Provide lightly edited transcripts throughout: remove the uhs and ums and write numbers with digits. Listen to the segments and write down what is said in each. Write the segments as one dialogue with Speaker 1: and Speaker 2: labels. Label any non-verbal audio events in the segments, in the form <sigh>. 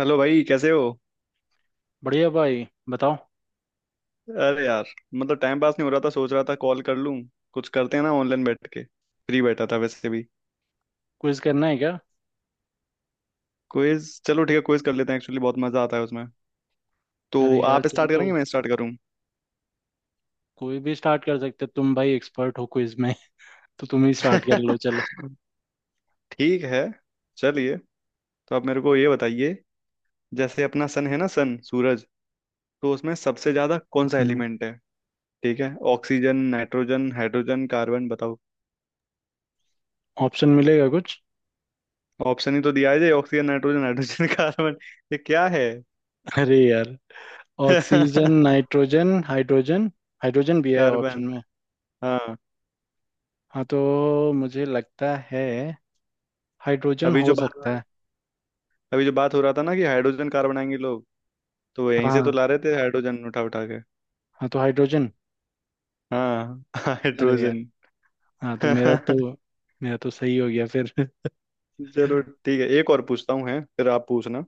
Speaker 1: Hello भाई, कैसे हो?
Speaker 2: बढ़िया भाई। बताओ।
Speaker 1: अरे यार, मतलब टाइम पास नहीं हो रहा था, सोच रहा था कॉल कर लूं। कुछ करते हैं ना ऑनलाइन बैठ के, फ्री बैठा था वैसे भी।
Speaker 2: क्विज करना है क्या?
Speaker 1: क्विज? चलो ठीक है, क्विज कर लेते हैं। एक्चुअली बहुत मजा आता है उसमें। तो
Speaker 2: अरे यार,
Speaker 1: आप
Speaker 2: तुम
Speaker 1: स्टार्ट
Speaker 2: तो
Speaker 1: करेंगे, मैं स्टार्ट करूं?
Speaker 2: कोई भी स्टार्ट कर सकते हो। तुम भाई एक्सपर्ट हो क्विज में <laughs> तो तुम ही स्टार्ट कर लो, चलो।
Speaker 1: <laughs> ठीक है, चलिए। तो आप मेरे को ये बताइए, जैसे अपना सन है ना, सन सूरज, तो उसमें सबसे ज्यादा कौन सा
Speaker 2: हम्म।
Speaker 1: एलिमेंट है? ठीक है, ऑक्सीजन, नाइट्रोजन, हाइड्रोजन, कार्बन, बताओ।
Speaker 2: ऑप्शन मिलेगा कुछ?
Speaker 1: ऑप्शन ही तो दिया है, ऑक्सीजन, नाइट्रोजन, हाइड्रोजन, <laughs> कार्बन। ये क्या है?
Speaker 2: <laughs> अरे यार।
Speaker 1: <laughs>
Speaker 2: Oxygen
Speaker 1: carbon.
Speaker 2: Nitrogen hydrogen. Hydrogen भी है ऑप्शन में।
Speaker 1: हाँ।
Speaker 2: हाँ तो मुझे लगता है हाइड्रोजन
Speaker 1: अभी
Speaker 2: हो
Speaker 1: जो बात
Speaker 2: सकता है।
Speaker 1: अभी जो बात हो रहा था ना कि हाइड्रोजन कार बनाएंगे लोग, तो यहीं से तो
Speaker 2: हाँ।
Speaker 1: ला रहे थे हाइड्रोजन उठा उठा के।
Speaker 2: हाँ तो हाइड्रोजन।
Speaker 1: हाँ <laughs>
Speaker 2: अरे यार।
Speaker 1: हाइड्रोजन।
Speaker 2: हाँ तो मेरा तो
Speaker 1: <laughs>
Speaker 2: मेरा तो सही हो गया फिर <laughs>
Speaker 1: चलो ठीक है, एक और पूछता हूँ है फिर आप पूछना।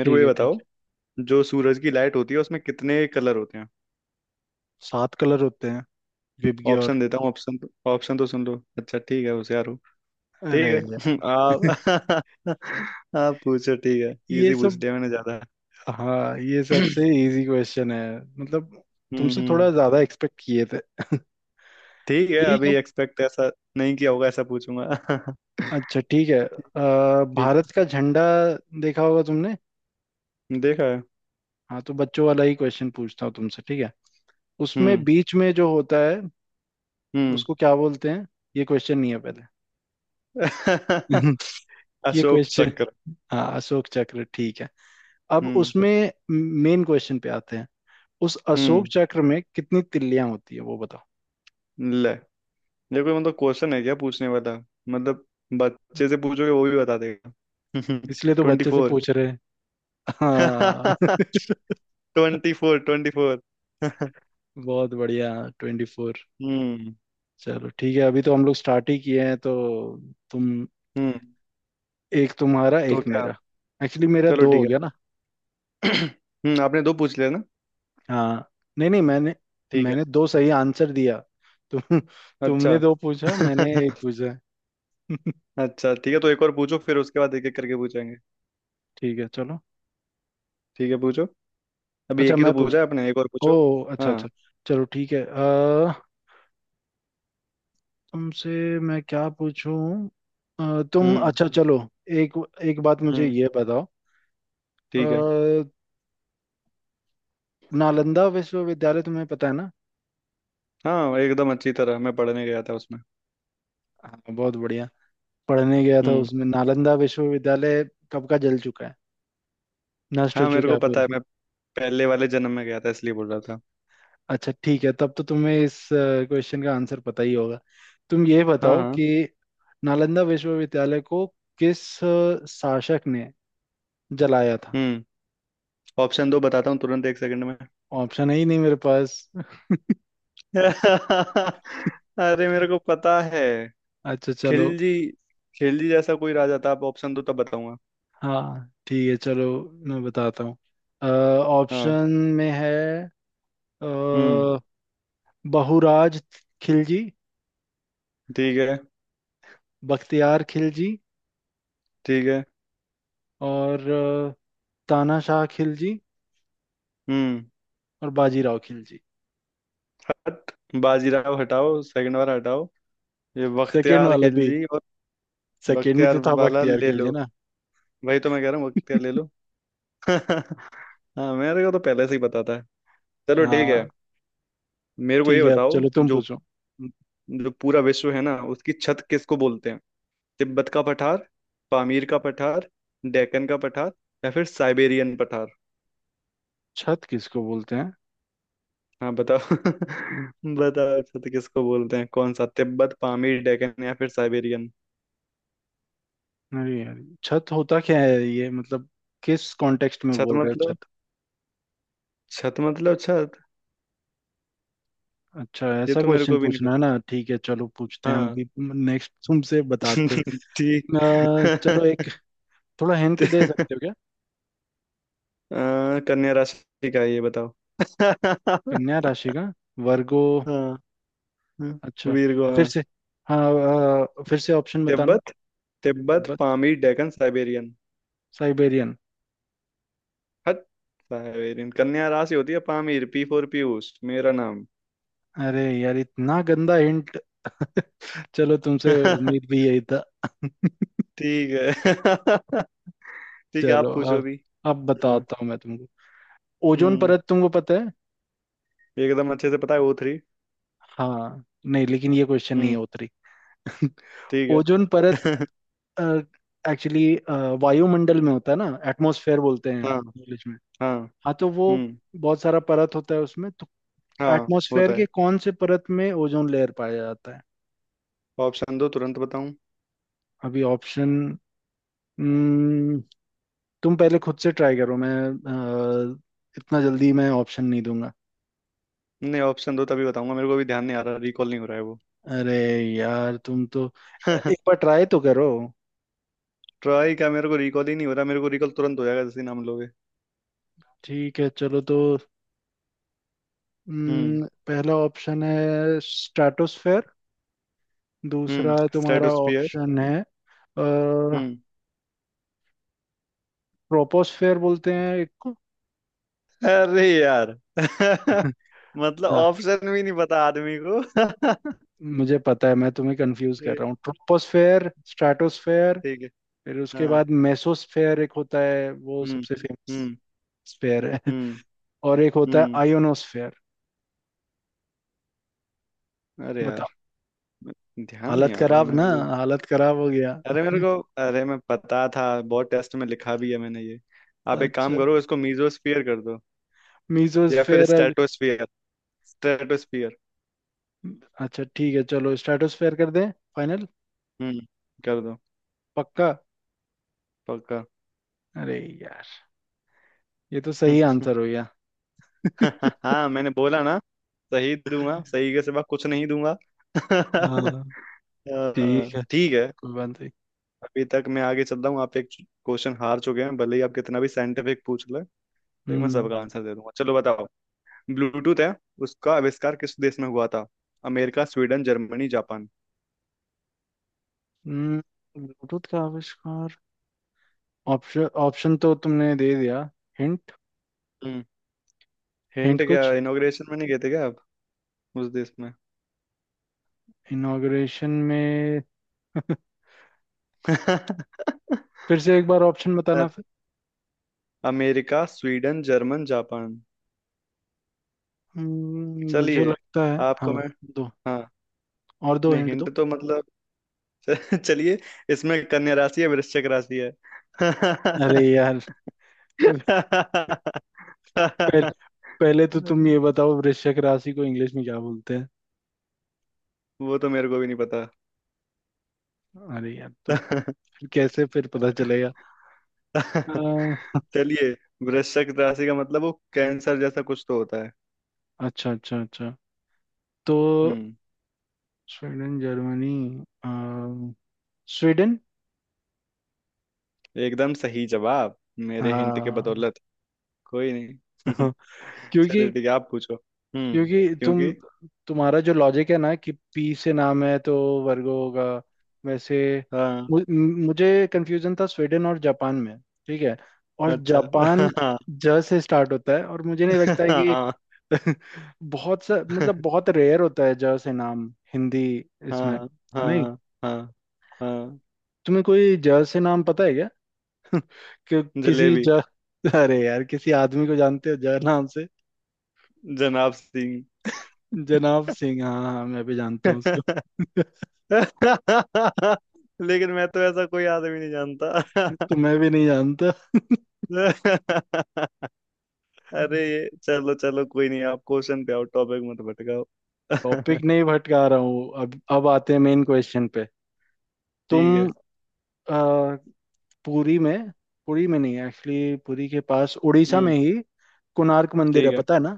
Speaker 1: मेरे को
Speaker 2: ठीक
Speaker 1: ये
Speaker 2: है, ठीक
Speaker 1: बताओ,
Speaker 2: है।
Speaker 1: जो सूरज की लाइट होती है उसमें कितने कलर होते हैं?
Speaker 2: सात कलर होते हैं,
Speaker 1: ऑप्शन
Speaker 2: विबग्योर।
Speaker 1: देता हूँ, ऑप्शन तो सुन लो। अच्छा ठीक है, होशियार हो।
Speaker 2: अरे
Speaker 1: ठीक है
Speaker 2: यार
Speaker 1: <laughs>
Speaker 2: <laughs>
Speaker 1: आप। <laughs> आप पूछो, ठीक है।
Speaker 2: ये
Speaker 1: इजी पूछ
Speaker 2: सब।
Speaker 1: लिया मैंने ज्यादा।
Speaker 2: हाँ, ये सबसे
Speaker 1: <clears throat>
Speaker 2: इजी क्वेश्चन है। मतलब तुमसे थोड़ा
Speaker 1: हम्म।
Speaker 2: ज्यादा एक्सपेक्ट किए थे <laughs>
Speaker 1: ठीक है,
Speaker 2: ठीक
Speaker 1: अभी
Speaker 2: है।
Speaker 1: एक्सपेक्ट ऐसा नहीं किया होगा ऐसा पूछूंगा। <laughs>
Speaker 2: अच्छा ठीक है।
Speaker 1: ठीक
Speaker 2: भारत का झंडा देखा होगा तुमने।
Speaker 1: है। देखा है।
Speaker 2: हाँ तो बच्चों वाला ही क्वेश्चन पूछता हूँ तुमसे, ठीक है? उसमें
Speaker 1: हम्म।
Speaker 2: बीच में जो होता है
Speaker 1: हम्म।
Speaker 2: उसको क्या बोलते हैं? ये क्वेश्चन नहीं है पहले <laughs>
Speaker 1: <laughs>
Speaker 2: ये
Speaker 1: अशोक
Speaker 2: क्वेश्चन।
Speaker 1: चक्र।
Speaker 2: हाँ, अशोक चक्र, ठीक है। अब
Speaker 1: हम्म।
Speaker 2: उसमें मेन क्वेश्चन पे आते हैं। उस अशोक
Speaker 1: हम्म।
Speaker 2: चक्र में कितनी तिल्लियां होती है वो बताओ।
Speaker 1: ले, ये कोई मतलब क्वेश्चन है क्या पूछने वाला? मतलब बच्चे से पूछोगे वो भी बता देगा। <laughs>
Speaker 2: इसलिए तो
Speaker 1: ट्वेंटी
Speaker 2: बच्चे से
Speaker 1: फोर
Speaker 2: पूछ रहे हैं। हाँ
Speaker 1: <laughs>
Speaker 2: <laughs>
Speaker 1: ट्वेंटी फोर, 24। <laughs>
Speaker 2: बहुत बढ़िया। 24।
Speaker 1: हम्म।
Speaker 2: चलो ठीक है, अभी तो हम लोग स्टार्ट ही किए हैं तो तुम,
Speaker 1: हम्म।
Speaker 2: एक तुम्हारा
Speaker 1: तो
Speaker 2: एक
Speaker 1: क्या?
Speaker 2: मेरा। एक्चुअली मेरा
Speaker 1: चलो
Speaker 2: दो हो
Speaker 1: ठीक
Speaker 2: गया
Speaker 1: है।
Speaker 2: ना।
Speaker 1: <clears throat> हम्म, आपने दो पूछ लिया ना?
Speaker 2: हाँ। नहीं नहीं, मैंने,
Speaker 1: ठीक है।
Speaker 2: मैंने दो सही आंसर दिया। तुम,
Speaker 1: अच्छा।
Speaker 2: तुमने दो पूछा मैंने एक
Speaker 1: <laughs>
Speaker 2: पूछा है। <laughs>
Speaker 1: अच्छा ठीक है, तो एक और पूछो, फिर उसके बाद एक एक करके पूछेंगे।
Speaker 2: ठीक है चलो।
Speaker 1: ठीक है, पूछो। अभी
Speaker 2: अच्छा
Speaker 1: एक ही तो
Speaker 2: मैं पूछ,
Speaker 1: पूछा है आपने, एक और
Speaker 2: ओ
Speaker 1: पूछो।
Speaker 2: अच्छा अच्छा।
Speaker 1: हाँ।
Speaker 2: चलो ठीक है। तुमसे मैं क्या पूछूं? तुम,
Speaker 1: हम्म।
Speaker 2: अच्छा चलो। एक एक बात मुझे
Speaker 1: हम्म।
Speaker 2: ये बताओ।
Speaker 1: ठीक है।
Speaker 2: अ, नालंदा विश्वविद्यालय तुम्हें पता है ना?
Speaker 1: हाँ एकदम अच्छी तरह, मैं पढ़ने गया था उसमें।
Speaker 2: हाँ बहुत बढ़िया। पढ़ने गया था
Speaker 1: हम्म।
Speaker 2: उसमें, नालंदा विश्वविद्यालय कब का जल चुका है, नष्ट हो
Speaker 1: हाँ मेरे
Speaker 2: चुका
Speaker 1: को
Speaker 2: है
Speaker 1: पता
Speaker 2: पूरा।
Speaker 1: है, मैं पहले वाले जन्म में गया था इसलिए बोल रहा था।
Speaker 2: अच्छा ठीक है, तब तो तुम्हें इस क्वेश्चन का आंसर पता ही होगा। तुम ये
Speaker 1: हाँ
Speaker 2: बताओ
Speaker 1: हाँ।
Speaker 2: कि नालंदा विश्वविद्यालय को किस शासक ने जलाया था?
Speaker 1: हम्म। ऑप्शन दो, बताता हूँ तुरंत एक सेकंड में।
Speaker 2: ऑप्शन है ही नहीं मेरे पास।
Speaker 1: <laughs> अरे मेरे को पता है।
Speaker 2: अच्छा चलो।
Speaker 1: खिलजी। खिलजी जैसा कोई राजा था, आप ऑप्शन दो तब बताऊंगा।
Speaker 2: हाँ ठीक है चलो, मैं बताता हूँ।
Speaker 1: हाँ।
Speaker 2: ऑप्शन में है, अ,
Speaker 1: हम्म।
Speaker 2: बहुराज खिलजी,
Speaker 1: ठीक है।
Speaker 2: बख्तियार खिलजी,
Speaker 1: ठीक है।
Speaker 2: और तानाशाह खिलजी,
Speaker 1: हम्म।
Speaker 2: और बाजीराव खिलजी।
Speaker 1: हट, बाजीराव हटाओ, सेकंड वाला हटाओ। ये
Speaker 2: सेकेंड
Speaker 1: बख्तियार
Speaker 2: वाला भी?
Speaker 1: खिलजी और
Speaker 2: सेकेंड ही
Speaker 1: बख्तियार
Speaker 2: तो था
Speaker 1: वाला
Speaker 2: बख्तियार
Speaker 1: ले
Speaker 2: खिलजी
Speaker 1: लो।
Speaker 2: ना।
Speaker 1: वही तो मैं कह रहा हूँ, बख्तियार ले लो। <laughs> हाँ मेरे को तो पहले से ही पता था। चलो ठीक है।
Speaker 2: हाँ,
Speaker 1: मेरे को
Speaker 2: ठीक
Speaker 1: ये
Speaker 2: है, अब
Speaker 1: बताओ,
Speaker 2: चलो तुम
Speaker 1: जो
Speaker 2: पूछो।
Speaker 1: जो पूरा विश्व है ना उसकी छत किसको बोलते हैं? तिब्बत का पठार, पामीर का पठार, डेक्कन का पठार, या फिर साइबेरियन पठार।
Speaker 2: छत किसको बोलते हैं?
Speaker 1: हाँ बताओ, <laughs> बताओ, छत किसको बोलते हैं? कौन सा, तिब्बत, पामीर, डेक्कन या फिर साइबेरियन?
Speaker 2: अरे यार, छत होता क्या है ये, मतलब किस कॉन्टेक्स्ट में
Speaker 1: छत
Speaker 2: बोल रहे हो
Speaker 1: मतलब,
Speaker 2: छत?
Speaker 1: छत मतलब छत।
Speaker 2: अच्छा
Speaker 1: ये
Speaker 2: ऐसा
Speaker 1: तो मेरे
Speaker 2: क्वेश्चन
Speaker 1: को भी नहीं
Speaker 2: पूछना है
Speaker 1: पता।
Speaker 2: ना? ठीक है चलो, पूछते हैं हम
Speaker 1: हाँ
Speaker 2: भी नेक्स्ट तुमसे बताते हैं।
Speaker 1: <laughs> ठीक।
Speaker 2: चलो एक थोड़ा हिंट दे सकते हो
Speaker 1: <laughs>
Speaker 2: क्या?
Speaker 1: अ, कन्या राशि का है, ये बताओ।
Speaker 2: कन्या
Speaker 1: <laughs>
Speaker 2: राशि का, वर्गो।
Speaker 1: हाँ। हाँ,
Speaker 2: अच्छा,
Speaker 1: वीरगो,
Speaker 2: फिर
Speaker 1: हाँ।
Speaker 2: से। हाँ, फिर से ऑप्शन बताना।
Speaker 1: Tibet, Tibet,
Speaker 2: Tibet,
Speaker 1: Pamir, Deccan, Siberian.
Speaker 2: Siberian.
Speaker 1: हट, साइबेरियन कन्या राशि होती है? पामीर, पी फॉर पीयूष, मेरा नाम।
Speaker 2: अरे यार इतना गंदा हिंट <laughs> चलो तुमसे उम्मीद
Speaker 1: <laughs>
Speaker 2: भी यही था <laughs>
Speaker 1: ठीक है। <laughs> ठीक है,
Speaker 2: चलो
Speaker 1: आप पूछो
Speaker 2: अब
Speaker 1: भी।
Speaker 2: अब
Speaker 1: हाँ।
Speaker 2: बताता हूँ मैं तुमको। ओजोन
Speaker 1: हम्म,
Speaker 2: परत तुमको पता है?
Speaker 1: एकदम अच्छे से पता है, O3।
Speaker 2: हाँ नहीं, लेकिन ये क्वेश्चन नहीं
Speaker 1: हम्म।
Speaker 2: है उतरी <laughs>
Speaker 1: ठीक
Speaker 2: ओजोन परत,
Speaker 1: है। <laughs>
Speaker 2: एक्चुअली वायुमंडल में होता है ना, एटमॉस्फेयर बोलते हैं
Speaker 1: हाँ।
Speaker 2: इंग्लिश में।
Speaker 1: हाँ।
Speaker 2: हाँ तो वो,
Speaker 1: हम्म।
Speaker 2: बहुत सारा परत होता है उसमें तो।
Speaker 1: हाँ
Speaker 2: एटमॉस्फेयर
Speaker 1: होता है।
Speaker 2: के कौन से परत में ओजोन लेयर पाया जाता है?
Speaker 1: ऑप्शन दो तुरंत बताऊं।
Speaker 2: अभी ऑप्शन, तुम पहले खुद से ट्राई करो, मैं अ, इतना जल्दी मैं ऑप्शन नहीं दूंगा।
Speaker 1: नहीं ऑप्शन दो तभी बताऊंगा, मेरे को अभी ध्यान नहीं आ रहा, रिकॉल नहीं हो रहा है वो।
Speaker 2: अरे यार तुम तो, एक
Speaker 1: <laughs>
Speaker 2: बार ट्राई तो करो।
Speaker 1: ट्राई क्या, मेरे को रिकॉल ही नहीं हो रहा, मेरे को रिकॉल तुरंत हो जाएगा जैसे ही नाम लोगे।
Speaker 2: ठीक है चलो तो।
Speaker 1: हम्म।
Speaker 2: पहला ऑप्शन है स्ट्रेटोस्फेयर। दूसरा
Speaker 1: हम्म।
Speaker 2: तुम्हारा
Speaker 1: स्ट्रेटोस्फियर।
Speaker 2: ऑप्शन है,
Speaker 1: हम्म।
Speaker 2: ट्रोपोस्फेयर बोलते हैं एक को
Speaker 1: अरे यार। <laughs>
Speaker 2: <laughs>
Speaker 1: मतलब
Speaker 2: हाँ,
Speaker 1: ऑप्शन भी नहीं पता आदमी को। <laughs>
Speaker 2: मुझे पता है मैं तुम्हें कंफ्यूज
Speaker 1: ए,
Speaker 2: कर रहा हूँ, ट्रोपोस्फेयर स्ट्रेटोस्फेयर।
Speaker 1: ठीक है।
Speaker 2: फिर उसके
Speaker 1: हाँ।
Speaker 2: बाद मेसोस्फेयर एक होता है, वो
Speaker 1: हम्म।
Speaker 2: सबसे फेमस
Speaker 1: हम्म।
Speaker 2: स्फेयर है
Speaker 1: हम्म।
Speaker 2: <laughs> और एक होता है
Speaker 1: हम्म।
Speaker 2: आयोनोस्फेयर।
Speaker 1: अरे
Speaker 2: बताओ।
Speaker 1: यार, ध्यान नहीं
Speaker 2: हालत
Speaker 1: आ रहा
Speaker 2: खराब ना,
Speaker 1: मेरे को।
Speaker 2: हालत खराब हो गया।
Speaker 1: अरे मेरे को अरे मैं पता था, बहुत टेस्ट में लिखा भी है मैंने ये। आप एक काम
Speaker 2: अच्छा,
Speaker 1: करो, इसको मीजोस्फियर कर दो या फिर
Speaker 2: मीसोस्फेयर?
Speaker 1: स्ट्रेटोस्फियर। स्ट्रेटोस्फियर।
Speaker 2: अच्छा ठीक है चलो, स्ट्रेटोस्फेयर कर दें फाइनल।
Speaker 1: हम्म, कर दो।
Speaker 2: पक्का?
Speaker 1: पक्का।
Speaker 2: अरे यार, ये तो सही
Speaker 1: <laughs>
Speaker 2: आंसर हो गया
Speaker 1: <laughs>
Speaker 2: <laughs>
Speaker 1: हाँ मैंने बोला ना, सही दूंगा, सही के सिवा कुछ नहीं दूंगा। <laughs>
Speaker 2: हाँ ठीक है,
Speaker 1: ठीक है।
Speaker 2: कोई बात नहीं।
Speaker 1: अभी तक मैं आगे चल रहा हूँ, आप एक क्वेश्चन हार चुके हैं, भले ही आप कितना भी साइंटिफिक पूछ ले लेकिन मैं
Speaker 2: हम्म।
Speaker 1: सबका आंसर दे दूंगा। चलो बताओ, ब्लूटूथ है, उसका आविष्कार किस देश में हुआ था? America, Sweden, Germany, Japan.
Speaker 2: हम्म, ब्लूटूथ का आविष्कार। ऑप्शन, ऑप्शन तो तुमने दे दिया। हिंट,
Speaker 1: हम्म। हिंट
Speaker 2: हिंट
Speaker 1: क्या,
Speaker 2: कुछ
Speaker 1: इनॉग्रेशन में नहीं गए थे क्या आप, उस देश में?
Speaker 2: इनॉग्रेशन में?
Speaker 1: <laughs>
Speaker 2: फिर से एक बार ऑप्शन बताना फिर।
Speaker 1: America, Sweden, German, Japan.
Speaker 2: मुझे
Speaker 1: चलिए,
Speaker 2: लगता है, हाँ
Speaker 1: आपको मैं।
Speaker 2: दो
Speaker 1: हाँ।
Speaker 2: और, दो
Speaker 1: नहीं
Speaker 2: हिंट दो।
Speaker 1: हिंट तो मतलब। <laughs> चलिए, इसमें कन्या राशि है, वृश्चिक राशि है। <laughs>
Speaker 2: अरे
Speaker 1: अरे,
Speaker 2: यार <laughs> पहले, पहले तो तुम ये बताओ वृश्चिक राशि को इंग्लिश में क्या बोलते हैं?
Speaker 1: वो तो मेरे को भी नहीं पता।
Speaker 2: अरे यार, तो
Speaker 1: <laughs>
Speaker 2: फिर कैसे फिर पता चलेगा? अ,
Speaker 1: चलिए, वृश्चिक राशि का मतलब, वो कैंसर जैसा कुछ तो होता है।
Speaker 2: अच्छा अच्छा अच्छा। तो
Speaker 1: हम्म।
Speaker 2: स्वीडन जर्मनी, अ, स्वीडन।
Speaker 1: एकदम सही जवाब, मेरे हिंट के
Speaker 2: हाँ
Speaker 1: बदौलत। कोई नहीं। <laughs>
Speaker 2: <laughs> क्योंकि
Speaker 1: चलिए ठीक है, आप पूछो। हम्म।
Speaker 2: क्योंकि तुम
Speaker 1: क्योंकि।
Speaker 2: तुम्हारा जो लॉजिक है ना, कि पी से नाम है तो वर्गो होगा, वैसे।
Speaker 1: हाँ।
Speaker 2: मु, मुझे कंफ्यूजन था स्वीडन और जापान में, ठीक है? और
Speaker 1: अच्छा।
Speaker 2: जापान
Speaker 1: <laughs>
Speaker 2: ज से स्टार्ट होता है, और मुझे नहीं
Speaker 1: हाँ
Speaker 2: लगता है कि
Speaker 1: हाँ
Speaker 2: बहुत सा, मतलब बहुत रेयर होता है ज से नाम हिंदी इसमें,
Speaker 1: हाँ।
Speaker 2: नहीं?
Speaker 1: हाँ। हाँ। हाँ।
Speaker 2: तुम्हें कोई ज से नाम पता है क्या? <laughs> किसी
Speaker 1: जलेबी।
Speaker 2: ज? <laughs> अरे यार, किसी आदमी को जानते हो ज नाम से?
Speaker 1: जनाब सिंह।
Speaker 2: जनाब सिंह? हाँ हाँ हाँ, मैं भी जानता हूँ उसको
Speaker 1: <laughs>
Speaker 2: <laughs>
Speaker 1: लेकिन मैं तो ऐसा कोई आदमी नहीं
Speaker 2: तो
Speaker 1: जानता।
Speaker 2: मैं भी नहीं जानता
Speaker 1: <laughs> अरे
Speaker 2: <laughs>
Speaker 1: ये, चलो चलो कोई नहीं, आप क्वेश्चन पे आओ, टॉपिक मत भटकाओ। <laughs>
Speaker 2: टॉपिक नहीं भटका रहा हूँ, अब आते हैं मेन क्वेश्चन पे।
Speaker 1: ठीक
Speaker 2: तुम,
Speaker 1: है।
Speaker 2: अ, पुरी में, पुरी में नहीं, एक्चुअली पुरी के पास उड़ीसा में
Speaker 1: हम्म।
Speaker 2: ही कोणार्क मंदिर है,
Speaker 1: ठीक है।
Speaker 2: पता है?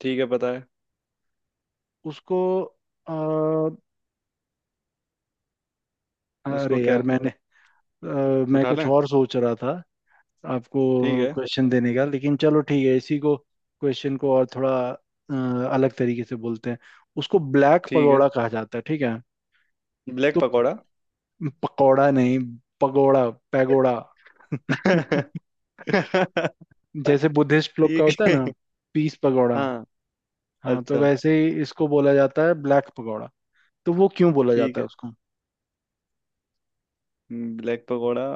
Speaker 1: ठीक है, पता है।
Speaker 2: उसको, अ, अरे
Speaker 1: उसको
Speaker 2: यार
Speaker 1: क्या?
Speaker 2: मैंने, अ, मैं
Speaker 1: उठा
Speaker 2: कुछ
Speaker 1: लें?
Speaker 2: और सोच रहा था
Speaker 1: ठीक
Speaker 2: आपको
Speaker 1: है।
Speaker 2: क्वेश्चन देने का, लेकिन चलो ठीक है इसी को क्वेश्चन को और थोड़ा अलग तरीके से बोलते हैं। उसको ब्लैक
Speaker 1: ठीक है।
Speaker 2: पगोड़ा कहा जाता है, ठीक है?
Speaker 1: ब्लैक
Speaker 2: तो
Speaker 1: पकौड़ा।
Speaker 2: पकौड़ा नहीं, पगोड़ा, पैगोड़ा <laughs>
Speaker 1: <laughs>
Speaker 2: जैसे बुद्धिस्ट लोग का
Speaker 1: ठीक
Speaker 2: होता है
Speaker 1: है।
Speaker 2: ना, पीस पगोड़ा।
Speaker 1: हाँ।
Speaker 2: हाँ, तो
Speaker 1: अच्छा।
Speaker 2: वैसे ही इसको बोला जाता है ब्लैक पगोड़ा। तो वो क्यों बोला
Speaker 1: ठीक
Speaker 2: जाता है
Speaker 1: है।
Speaker 2: उसको?
Speaker 1: ब्लैक पकौड़ा।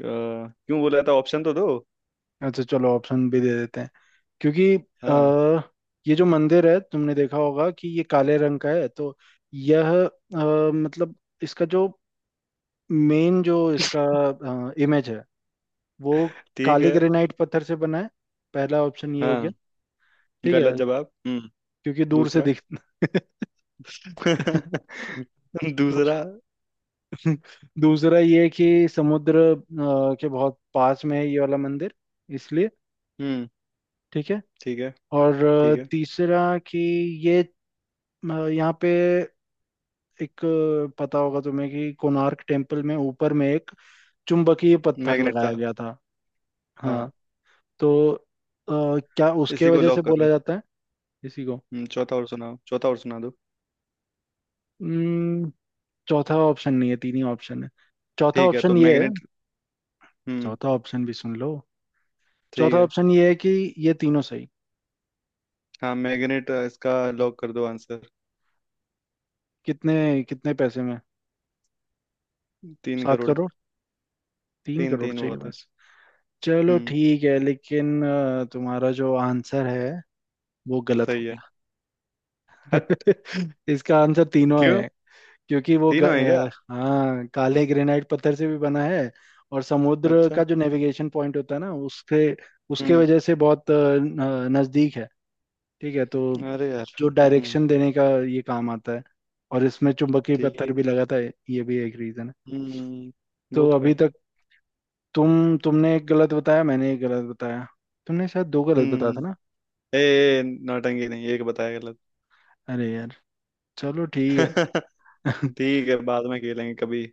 Speaker 1: अ, क्यों बोला था? ऑप्शन तो दो।
Speaker 2: अच्छा चलो, ऑप्शन भी दे देते हैं। क्योंकि
Speaker 1: हाँ।
Speaker 2: ये जो मंदिर है, तुमने देखा होगा कि ये काले रंग का है, तो यह मतलब इसका जो मेन, जो इसका इमेज है, वो
Speaker 1: ठीक
Speaker 2: काले
Speaker 1: है।
Speaker 2: ग्रेनाइट पत्थर से बना है। पहला ऑप्शन ये हो
Speaker 1: हाँ।
Speaker 2: गया, ठीक है।
Speaker 1: गलत जवाब। हम्म।
Speaker 2: क्योंकि दूर से
Speaker 1: दूसरा।
Speaker 2: दिख <laughs>
Speaker 1: <laughs>
Speaker 2: दूस-
Speaker 1: दूसरा।
Speaker 2: दूसरा ये कि समुद्र के बहुत पास में है ये वाला मंदिर, इसलिए,
Speaker 1: हम्म।
Speaker 2: ठीक है?
Speaker 1: ठीक है।
Speaker 2: और
Speaker 1: ठीक है।
Speaker 2: तीसरा कि ये यहाँ पे एक, पता होगा तुम्हें कि कोणार्क टेम्पल में ऊपर में एक चुंबकीय पत्थर
Speaker 1: मैग्नेट
Speaker 2: लगाया
Speaker 1: था।
Speaker 2: गया था।
Speaker 1: हाँ।
Speaker 2: हाँ, तो क्या उसके
Speaker 1: इसी को
Speaker 2: वजह से
Speaker 1: लॉक करो।
Speaker 2: बोला जाता है? इसी को।
Speaker 1: हम्म, चौथा और सुनाओ, चौथा और सुना दो।
Speaker 2: हम्म, चौथा ऑप्शन नहीं है, तीन ही ऑप्शन है। चौथा
Speaker 1: ठीक है तो
Speaker 2: ऑप्शन ये है,
Speaker 1: मैग्नेट। हम्म।
Speaker 2: चौथा ऑप्शन भी सुन लो।
Speaker 1: ठीक
Speaker 2: चौथा
Speaker 1: है।
Speaker 2: ऑप्शन ये है कि ये तीनों सही।
Speaker 1: हाँ मैग्नेट, इसका लॉक कर दो आंसर।
Speaker 2: कितने, कितने पैसे में?
Speaker 1: तीन
Speaker 2: सात
Speaker 1: करोड़
Speaker 2: करोड़ तीन
Speaker 1: 3,
Speaker 2: करोड़
Speaker 1: 3
Speaker 2: चाहिए
Speaker 1: बहुत है।
Speaker 2: बस। चलो
Speaker 1: हम्म।
Speaker 2: ठीक है, लेकिन तुम्हारा जो आंसर है वो गलत हो
Speaker 1: सही है।
Speaker 2: गया
Speaker 1: हट।
Speaker 2: <laughs> इसका आंसर तीनों
Speaker 1: क्यों?
Speaker 2: है। क्योंकि वो
Speaker 1: तीनों है क्या?
Speaker 2: हाँ, काले ग्रेनाइट पत्थर से भी बना है, और समुद्र
Speaker 1: अच्छा।
Speaker 2: का जो नेविगेशन पॉइंट होता है ना उसके, उसके
Speaker 1: हम्म।
Speaker 2: वजह से बहुत नजदीक है, ठीक है? तो
Speaker 1: अरे यार।
Speaker 2: जो
Speaker 1: हम्म।
Speaker 2: डायरेक्शन देने का ये काम आता है, और इसमें चुंबकीय पत्थर
Speaker 1: ठीक।
Speaker 2: भी लगा था, ये भी एक रीजन है।
Speaker 1: हम्म। वो
Speaker 2: तो
Speaker 1: तो
Speaker 2: अभी
Speaker 1: है।
Speaker 2: तक तुमने एक गलत बताया, मैंने एक गलत बताया। तुमने शायद दो गलत बताया था
Speaker 1: हम्म।
Speaker 2: ना?
Speaker 1: ए, नौटंकी नहीं, एक बताया गलत।
Speaker 2: अरे यार चलो ठीक
Speaker 1: <laughs> ठीक
Speaker 2: है <laughs>
Speaker 1: है, बाद में खेलेंगे कभी।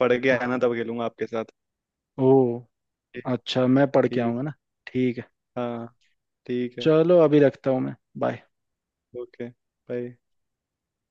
Speaker 1: पढ़ के आना
Speaker 2: हाँ।
Speaker 1: तब खेलूंगा आपके साथ।
Speaker 2: ओ,
Speaker 1: ठीक।
Speaker 2: अच्छा मैं पढ़ के
Speaker 1: ठीक।
Speaker 2: आऊंगा ना? ठीक है।
Speaker 1: हाँ। ठीक है।
Speaker 2: चलो अभी रखता हूँ मैं, बाय।
Speaker 1: ओके। बाय।